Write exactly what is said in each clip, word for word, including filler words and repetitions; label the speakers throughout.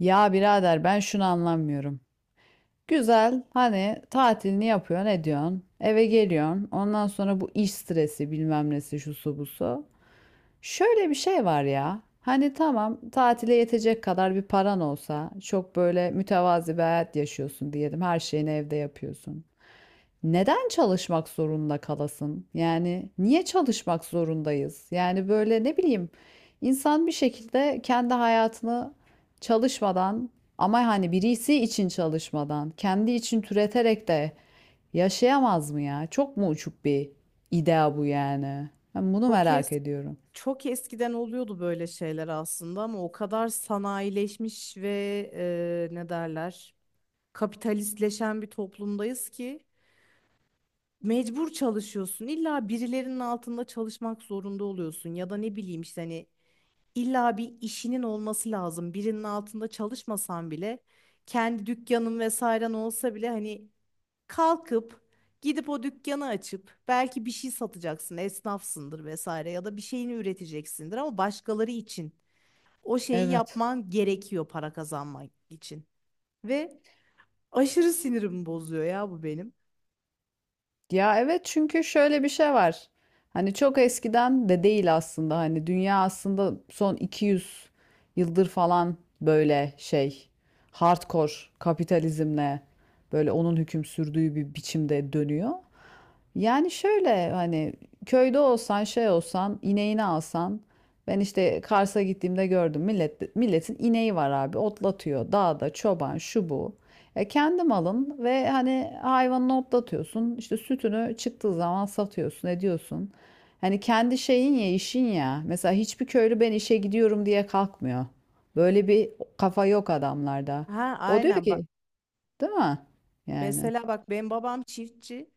Speaker 1: Ya birader ben şunu anlamıyorum. Güzel hani tatilini yapıyorsun ediyorsun eve geliyorsun ondan sonra bu iş stresi bilmem nesi şusu busu. Şöyle bir şey var ya hani tamam tatile yetecek kadar bir paran olsa çok böyle mütevazi bir hayat yaşıyorsun diyelim her şeyini evde yapıyorsun neden çalışmak zorunda kalasın? Yani niye çalışmak zorundayız? Yani böyle ne bileyim insan bir şekilde kendi hayatını çalışmadan ama hani birisi için çalışmadan, kendi için türeterek de yaşayamaz mı ya? Çok mu uçuk bir idea bu yani? Ben bunu
Speaker 2: Çok es
Speaker 1: merak ediyorum.
Speaker 2: Çok eskiden oluyordu böyle şeyler aslında ama o kadar sanayileşmiş ve e, ne derler kapitalistleşen bir toplumdayız ki mecbur çalışıyorsun. İlla birilerinin altında çalışmak zorunda oluyorsun ya da ne bileyim işte hani illa bir işinin olması lazım. Birinin altında çalışmasan bile kendi dükkanın vesairen olsa bile hani kalkıp gidip o dükkanı açıp belki bir şey satacaksın, esnafsındır vesaire ya da bir şeyini üreteceksindir ama başkaları için o şeyi
Speaker 1: Evet.
Speaker 2: yapman gerekiyor para kazanmak için. Ve aşırı sinirimi bozuyor ya bu benim.
Speaker 1: Ya evet çünkü şöyle bir şey var. Hani çok eskiden de değil aslında hani dünya aslında son iki yüz yıldır falan böyle şey hardcore kapitalizmle böyle onun hüküm sürdüğü bir biçimde dönüyor. Yani şöyle hani köyde olsan şey olsan ineğini alsan ben işte Kars'a gittiğimde gördüm millet milletin ineği var abi otlatıyor dağda çoban şu bu. E kendi malın ve hani hayvanını otlatıyorsun işte sütünü çıktığı zaman satıyorsun ediyorsun. Hani kendi şeyin ya işin ya mesela hiçbir köylü ben işe gidiyorum diye kalkmıyor. Böyle bir kafa yok adamlarda.
Speaker 2: Ha
Speaker 1: O diyor
Speaker 2: aynen bak,
Speaker 1: ki değil mi? Yani.
Speaker 2: mesela bak benim babam çiftçi.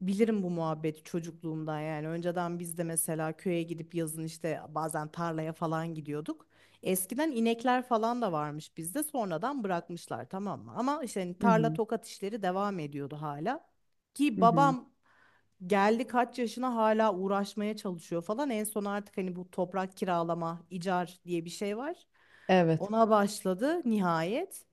Speaker 2: Bilirim bu muhabbeti çocukluğumdan yani. Önceden biz de mesela köye gidip yazın işte bazen tarlaya falan gidiyorduk. Eskiden inekler falan da varmış bizde. Sonradan bırakmışlar, tamam mı? Ama işte hani
Speaker 1: Hı
Speaker 2: tarla
Speaker 1: hı.
Speaker 2: tokat işleri devam ediyordu hala. Ki
Speaker 1: Hı hı.
Speaker 2: babam geldi kaç yaşına, hala uğraşmaya çalışıyor falan. En son artık hani bu toprak kiralama, icar diye bir şey var.
Speaker 1: Evet.
Speaker 2: Ona başladı nihayet.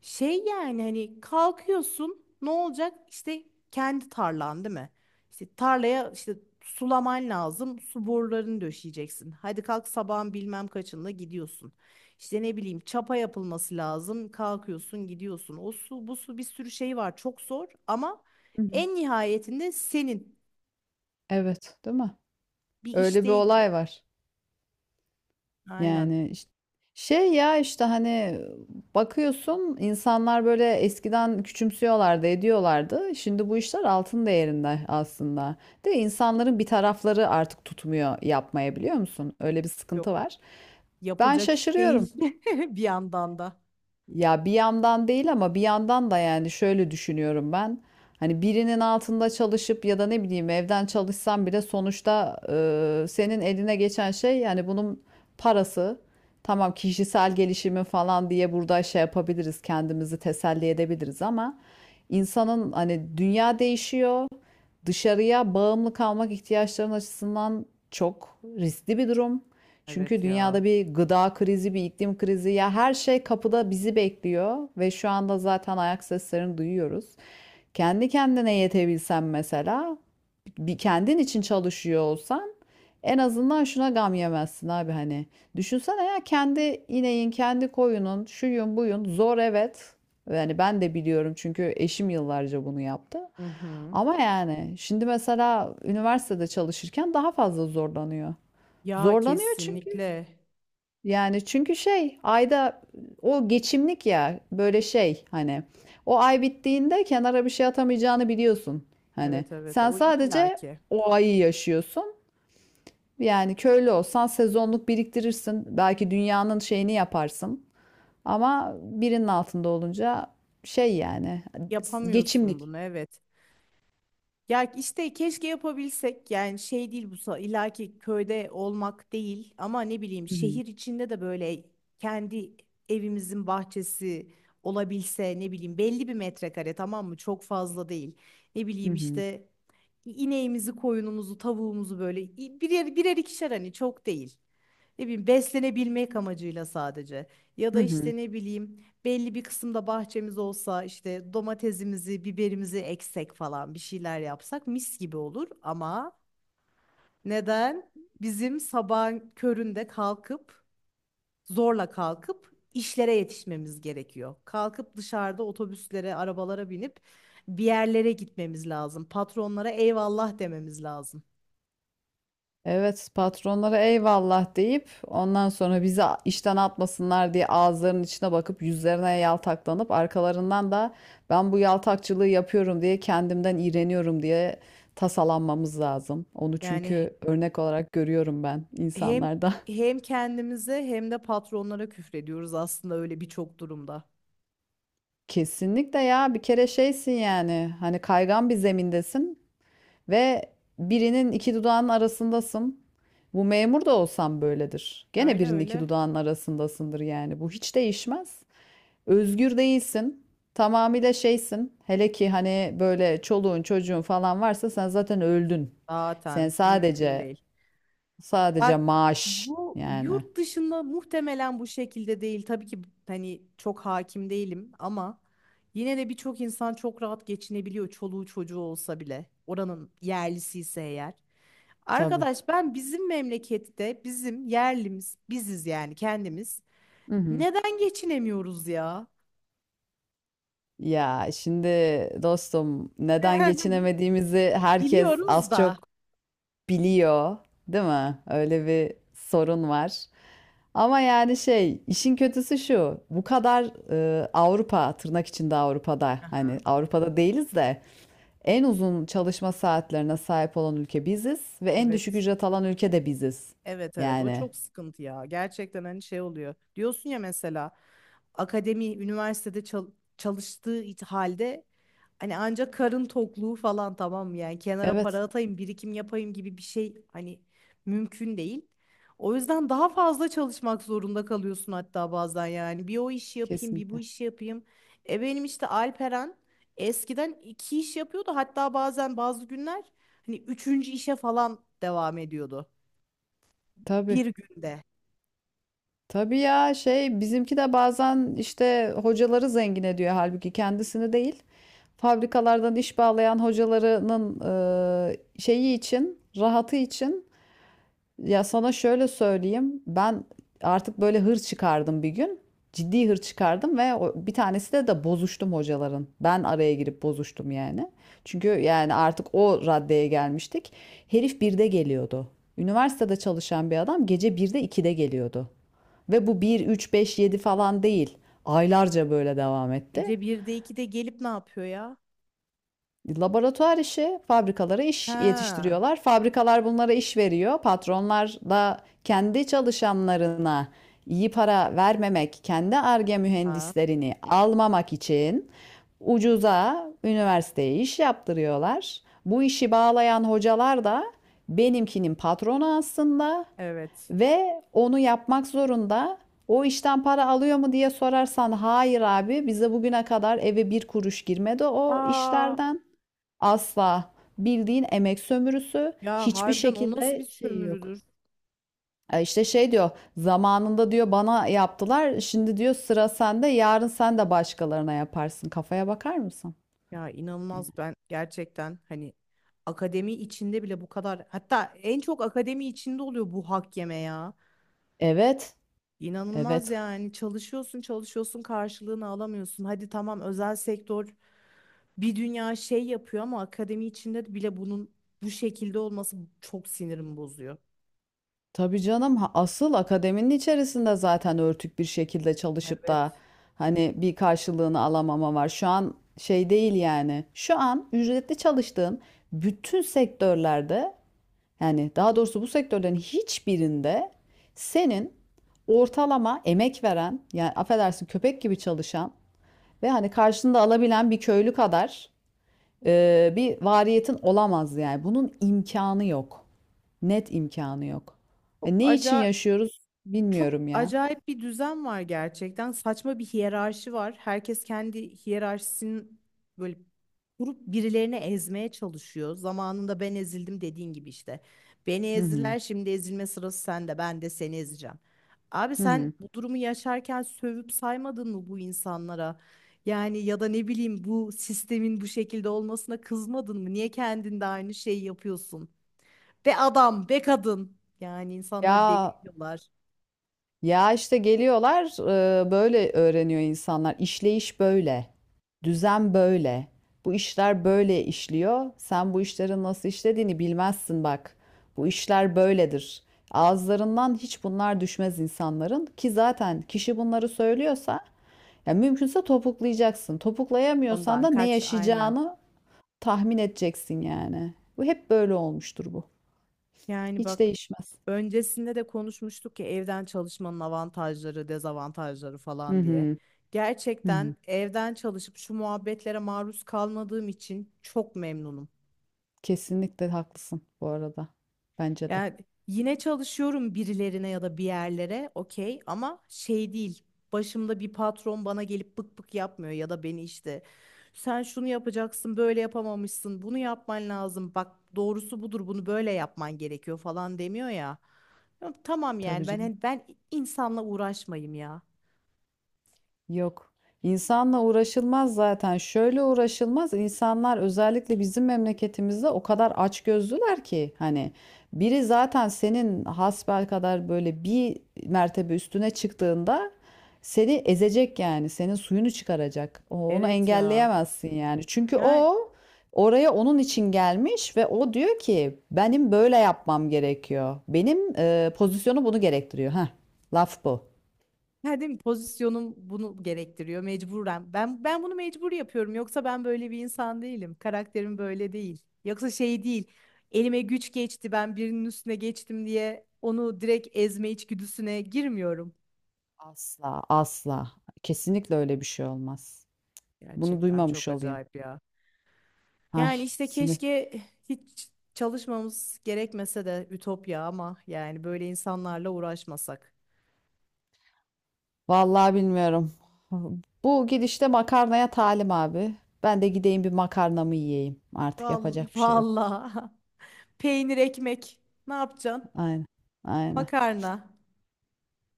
Speaker 2: Şey yani hani kalkıyorsun, ne olacak? İşte kendi tarlan değil mi? İşte tarlaya işte sulaman lazım. Su borularını döşeyeceksin. Hadi kalk, sabahın bilmem kaçında gidiyorsun. İşte ne bileyim çapa yapılması lazım. Kalkıyorsun gidiyorsun. O su bu su, bir sürü şey var. Çok zor ama en nihayetinde senin
Speaker 1: Evet, değil mi?
Speaker 2: bir
Speaker 1: Öyle
Speaker 2: iş
Speaker 1: bir
Speaker 2: değil yani.
Speaker 1: olay var.
Speaker 2: Aynen.
Speaker 1: Yani iş- şey ya işte hani bakıyorsun insanlar böyle eskiden küçümsüyorlardı, ediyorlardı. Şimdi bu işler altın değerinde aslında. De insanların bir tarafları artık tutmuyor yapmaya biliyor musun? Öyle bir sıkıntı
Speaker 2: Yok.
Speaker 1: var. Ben
Speaker 2: Yapılacak iş
Speaker 1: şaşırıyorum.
Speaker 2: değil bir yandan da.
Speaker 1: Ya bir yandan değil ama bir yandan da yani şöyle düşünüyorum ben. Hani birinin altında çalışıp ya da ne bileyim evden çalışsam bile sonuçta e, senin eline geçen şey yani bunun parası. Tamam kişisel gelişimin falan diye burada şey yapabiliriz kendimizi teselli edebiliriz ama insanın hani dünya değişiyor. Dışarıya bağımlı kalmak ihtiyaçların açısından çok riskli bir durum. Çünkü
Speaker 2: Evet ya.
Speaker 1: dünyada bir gıda krizi, bir iklim krizi ya her şey kapıda bizi bekliyor ve şu anda zaten ayak seslerini duyuyoruz. Kendi kendine yetebilsen mesela, bir kendin için çalışıyor olsan en azından şuna gam yemezsin abi hani. Düşünsene ya kendi ineğin, kendi koyunun, şuyun buyun zor evet. Yani ben de biliyorum çünkü eşim yıllarca bunu yaptı.
Speaker 2: Hı hı.
Speaker 1: Ama yani şimdi mesela üniversitede çalışırken daha fazla zorlanıyor.
Speaker 2: Ya
Speaker 1: Zorlanıyor çünkü
Speaker 2: kesinlikle.
Speaker 1: yani çünkü şey ayda o geçimlik ya böyle şey hani o ay bittiğinde kenara bir şey atamayacağını biliyorsun. Hani
Speaker 2: Evet evet,
Speaker 1: sen
Speaker 2: o
Speaker 1: sadece
Speaker 2: illaki
Speaker 1: o ayı yaşıyorsun. Yani köylü olsan sezonluk biriktirirsin. Belki dünyanın şeyini yaparsın. Ama birinin altında olunca şey yani
Speaker 2: yapamıyorsun
Speaker 1: geçimlik.
Speaker 2: bunu evet. Ya işte keşke yapabilsek yani şey değil, bu sa- illaki köyde olmak değil ama ne bileyim
Speaker 1: Hı hı.
Speaker 2: şehir içinde de böyle kendi evimizin bahçesi olabilse, ne bileyim belli bir metrekare, tamam mı, çok fazla değil. Ne
Speaker 1: Hı
Speaker 2: bileyim
Speaker 1: hı.
Speaker 2: işte İneğimizi, koyunumuzu, tavuğumuzu böyle i- birer birer, ikişer, hani çok değil. Ne bileyim beslenebilmek amacıyla sadece. Ya da
Speaker 1: Hı hı.
Speaker 2: işte ne bileyim belli bir kısımda bahçemiz olsa, işte domatesimizi, biberimizi eksek falan, bir şeyler yapsak mis gibi olur ama neden bizim sabahın köründe kalkıp zorla kalkıp işlere yetişmemiz gerekiyor. Kalkıp dışarıda otobüslere, arabalara binip bir yerlere gitmemiz lazım. Patronlara eyvallah dememiz lazım.
Speaker 1: Evet, patronlara eyvallah deyip ondan sonra bizi a- işten atmasınlar diye ağızlarının içine bakıp yüzlerine yaltaklanıp arkalarından da ben bu yaltakçılığı yapıyorum diye kendimden iğreniyorum diye tasalanmamız lazım. Onu
Speaker 2: Yani
Speaker 1: çünkü örnek olarak görüyorum ben
Speaker 2: hem
Speaker 1: insanlarda.
Speaker 2: hem kendimize hem de patronlara küfrediyoruz aslında öyle birçok durumda.
Speaker 1: Kesinlikle ya bir kere şeysin yani hani kaygan bir zemindesin. Ve birinin iki dudağının arasındasın. Bu memur da olsan böyledir. Gene
Speaker 2: Öyle
Speaker 1: birinin iki
Speaker 2: öyle.
Speaker 1: dudağının arasındasındır yani. Bu hiç değişmez. Özgür değilsin. Tamamıyla şeysin. Hele ki hani böyle çoluğun çocuğun falan varsa sen zaten öldün. Sen
Speaker 2: Zaten mümkün
Speaker 1: sadece
Speaker 2: değil.
Speaker 1: sadece
Speaker 2: Bak,
Speaker 1: maaş
Speaker 2: bu
Speaker 1: yani.
Speaker 2: yurt dışında muhtemelen bu şekilde değil. Tabii ki hani çok hakim değilim ama yine de birçok insan çok rahat geçinebiliyor çoluğu çocuğu olsa bile. Oranın yerlisi ise eğer.
Speaker 1: Tabii.
Speaker 2: Arkadaş, ben bizim memlekette bizim yerlimiz biziz yani, kendimiz.
Speaker 1: Hı hı.
Speaker 2: Neden geçinemiyoruz ya?
Speaker 1: Ya şimdi dostum neden geçinemediğimizi herkes
Speaker 2: Biliyoruz
Speaker 1: az
Speaker 2: da.
Speaker 1: çok biliyor, değil mi? Öyle bir sorun var. Ama yani şey, işin kötüsü şu. Bu kadar e, Avrupa, tırnak içinde Avrupa'da, hani Avrupa'da değiliz de en uzun çalışma saatlerine sahip olan ülke biziz ve en düşük
Speaker 2: Evet.
Speaker 1: ücret alan ülke de biziz.
Speaker 2: Evet evet, o
Speaker 1: Yani
Speaker 2: çok sıkıntı ya. Gerçekten hani şey oluyor. Diyorsun ya mesela akademi üniversitede çal- çalıştığı it- halde hani ancak karın tokluğu falan, tamam mı? Yani kenara
Speaker 1: evet,
Speaker 2: para atayım, birikim yapayım gibi bir şey hani mümkün değil. O yüzden daha fazla çalışmak zorunda kalıyorsun hatta bazen yani. Bir o işi yapayım, bir bu
Speaker 1: kesinlikle.
Speaker 2: işi yapayım. E benim işte Alperen eskiden iki iş yapıyordu. Hatta bazen bazı günler hani üçüncü işe falan devam ediyordu.
Speaker 1: Tabii.
Speaker 2: Bir günde.
Speaker 1: Tabii ya şey bizimki de bazen işte hocaları zengin ediyor halbuki kendisini değil. Fabrikalardan iş bağlayan hocalarının e, şeyi için, rahatı için ya sana şöyle söyleyeyim. Ben artık böyle hır çıkardım bir gün. Ciddi hır çıkardım ve bir tanesi de de bozuştum hocaların. Ben araya girip bozuştum yani. Çünkü yani artık o raddeye gelmiştik. Herif birde geliyordu. Üniversitede çalışan bir adam gece birde ikide geliyordu. Ve bu bir üç beş yedi falan değil. Aylarca böyle devam etti.
Speaker 2: Gece birde ikide gelip ne yapıyor ya?
Speaker 1: Laboratuvar işi, fabrikalara iş
Speaker 2: Ha.
Speaker 1: yetiştiriyorlar. Fabrikalar bunlara iş veriyor. Patronlar da kendi çalışanlarına iyi para vermemek, kendi Ar-Ge
Speaker 2: Ha.
Speaker 1: mühendislerini almamak için ucuza üniversiteye iş yaptırıyorlar. Bu işi bağlayan hocalar da benimkinin patronu aslında
Speaker 2: Evet.
Speaker 1: ve onu yapmak zorunda. O işten para alıyor mu diye sorarsan hayır abi bize bugüne kadar eve bir kuruş girmedi o
Speaker 2: Aa.
Speaker 1: işlerden. Asla. Bildiğin emek sömürüsü
Speaker 2: Ya
Speaker 1: hiçbir
Speaker 2: harbiden o nasıl bir
Speaker 1: şekilde şeyi yok.
Speaker 2: sömürüdür?
Speaker 1: E İşte şey diyor zamanında diyor bana yaptılar şimdi diyor sıra sende yarın sen de başkalarına yaparsın kafaya bakar mısın?
Speaker 2: Ya inanılmaz, ben gerçekten hani akademi içinde bile bu kadar, hatta en çok akademi içinde oluyor bu hak yeme ya.
Speaker 1: Evet
Speaker 2: İnanılmaz
Speaker 1: evet
Speaker 2: yani, çalışıyorsun çalışıyorsun karşılığını alamıyorsun. Hadi tamam, özel sektör bir dünya şey yapıyor ama akademi içinde de bile bunun bu şekilde olması çok sinirimi bozuyor.
Speaker 1: tabii canım ha, asıl akademinin içerisinde zaten örtük bir şekilde çalışıp
Speaker 2: Evet.
Speaker 1: da hani bir karşılığını alamama var şu an şey değil yani şu an ücretli çalıştığın bütün sektörlerde. Yani daha doğrusu bu sektörlerin hiçbirinde senin ortalama emek veren, yani affedersin köpek gibi çalışan ve hani karşında alabilen bir köylü kadar e, bir variyetin olamaz yani. Bunun imkanı yok. Net imkanı yok.
Speaker 2: Çok
Speaker 1: E, ne için
Speaker 2: acayip.
Speaker 1: yaşıyoruz
Speaker 2: Çok
Speaker 1: bilmiyorum ya.
Speaker 2: acayip bir düzen var gerçekten. Saçma bir hiyerarşi var. Herkes kendi hiyerarşisini böyle kurup birilerini ezmeye çalışıyor. Zamanında ben ezildim dediğin gibi işte. Beni
Speaker 1: Hı hı.
Speaker 2: ezdiler, şimdi ezilme sırası sende. Ben de seni ezeceğim. Abi,
Speaker 1: Hı
Speaker 2: sen
Speaker 1: hı.
Speaker 2: bu durumu yaşarken sövüp saymadın mı bu insanlara? Yani ya da ne bileyim bu sistemin bu şekilde olmasına kızmadın mı? Niye kendinde aynı şeyi yapıyorsun? Be adam, be kadın. Yani insanları deli
Speaker 1: Ya
Speaker 2: ediyorlar.
Speaker 1: Ya işte geliyorlar e, böyle öğreniyor insanlar. İşleyiş böyle. Düzen böyle. Bu işler böyle işliyor. Sen bu işlerin nasıl işlediğini bilmezsin bak. Bu işler böyledir. Ağızlarından hiç bunlar düşmez insanların ki zaten kişi bunları söylüyorsa ya mümkünse topuklayacaksın. Topuklayamıyorsan
Speaker 2: Ondan
Speaker 1: da ne
Speaker 2: kaç aynen.
Speaker 1: yaşayacağını tahmin edeceksin yani. Bu hep böyle olmuştur bu.
Speaker 2: Yani
Speaker 1: Hiç
Speaker 2: bak,
Speaker 1: değişmez.
Speaker 2: öncesinde de konuşmuştuk ya evden çalışmanın avantajları, dezavantajları
Speaker 1: Hı
Speaker 2: falan diye.
Speaker 1: hı. Hı hı.
Speaker 2: Gerçekten evden çalışıp şu muhabbetlere maruz kalmadığım için çok memnunum.
Speaker 1: Kesinlikle haklısın bu arada. Bence de.
Speaker 2: Yani yine çalışıyorum birilerine ya da bir yerlere okey ama şey değil. Başımda bir patron bana gelip bık bık yapmıyor ya da beni işte sen şunu yapacaksın, böyle yapamamışsın, bunu yapman lazım, bak doğrusu budur, bunu böyle yapman gerekiyor falan demiyor ya. Ya tamam
Speaker 1: Tabii
Speaker 2: yani, ben
Speaker 1: canım.
Speaker 2: hani ben insanla uğraşmayayım ya.
Speaker 1: Yok. İnsanla uğraşılmaz zaten. Şöyle uğraşılmaz. İnsanlar özellikle bizim memleketimizde o kadar açgözlüler ki hani biri zaten senin hasbelkader böyle bir mertebe üstüne çıktığında seni ezecek yani. Senin suyunu çıkaracak. O- Onu
Speaker 2: Evet ya.
Speaker 1: engelleyemezsin yani. Çünkü
Speaker 2: Yani
Speaker 1: o oraya onun için gelmiş ve o diyor ki benim böyle yapmam gerekiyor. Benim e, pozisyonu bunu gerektiriyor. Heh, laf bu.
Speaker 2: Yani değil mi? Pozisyonum bunu gerektiriyor mecburen. Ben ben bunu mecbur yapıyorum. Yoksa ben böyle bir insan değilim. Karakterim böyle değil. Yoksa şey değil. Elime güç geçti, ben birinin üstüne geçtim diye onu direkt ezme içgüdüsüne girmiyorum.
Speaker 1: Asla, asla. Kesinlikle öyle bir şey olmaz. Bunu
Speaker 2: Gerçekten çok
Speaker 1: duymamış olayım.
Speaker 2: acayip ya.
Speaker 1: Ay,
Speaker 2: Yani işte
Speaker 1: sinir.
Speaker 2: keşke hiç çalışmamız gerekmese de ütopya ama yani böyle insanlarla uğraşmasak.
Speaker 1: Vallahi bilmiyorum. Bu gidişte makarnaya talim abi. Ben de gideyim bir makarnamı yiyeyim. Artık
Speaker 2: Vallahi,
Speaker 1: yapacak bir şey yok.
Speaker 2: vallahi. Peynir ekmek ne yapacaksın?
Speaker 1: Aynen, aynen.
Speaker 2: Makarna.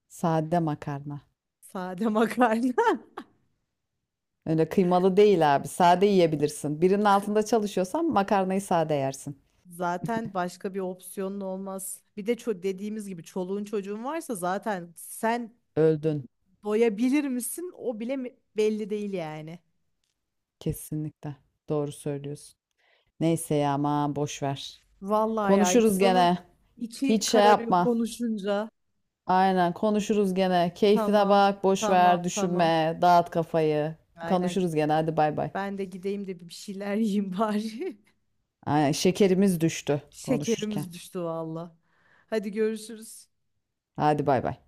Speaker 1: Sade makarna.
Speaker 2: Sade makarna.
Speaker 1: Öyle kıymalı değil abi. Sade yiyebilirsin. Birinin altında çalışıyorsan makarnayı sade yersin.
Speaker 2: Zaten başka bir opsiyonun olmaz. Bir de ço dediğimiz gibi çoluğun çocuğun varsa zaten sen
Speaker 1: Öldün.
Speaker 2: doyabilir misin, o bile mi- belli değil yani.
Speaker 1: Kesinlikle. Doğru söylüyorsun. Neyse ya aman boş ver.
Speaker 2: Vallahi ya
Speaker 1: Konuşuruz
Speaker 2: insanın
Speaker 1: gene. Hiç
Speaker 2: içi
Speaker 1: şey
Speaker 2: kararıyor
Speaker 1: yapma.
Speaker 2: konuşunca.
Speaker 1: Aynen konuşuruz gene. Keyfine
Speaker 2: Tamam,
Speaker 1: bak, boş
Speaker 2: tamam,
Speaker 1: ver,
Speaker 2: tamam.
Speaker 1: düşünme, dağıt kafayı.
Speaker 2: Aynen.
Speaker 1: Konuşuruz gene. Hadi bay bay.
Speaker 2: Ben de gideyim de bir şeyler yiyeyim bari.
Speaker 1: Aynen şekerimiz düştü konuşurken.
Speaker 2: Şekerimiz düştü valla. Hadi görüşürüz.
Speaker 1: Hadi bay bay.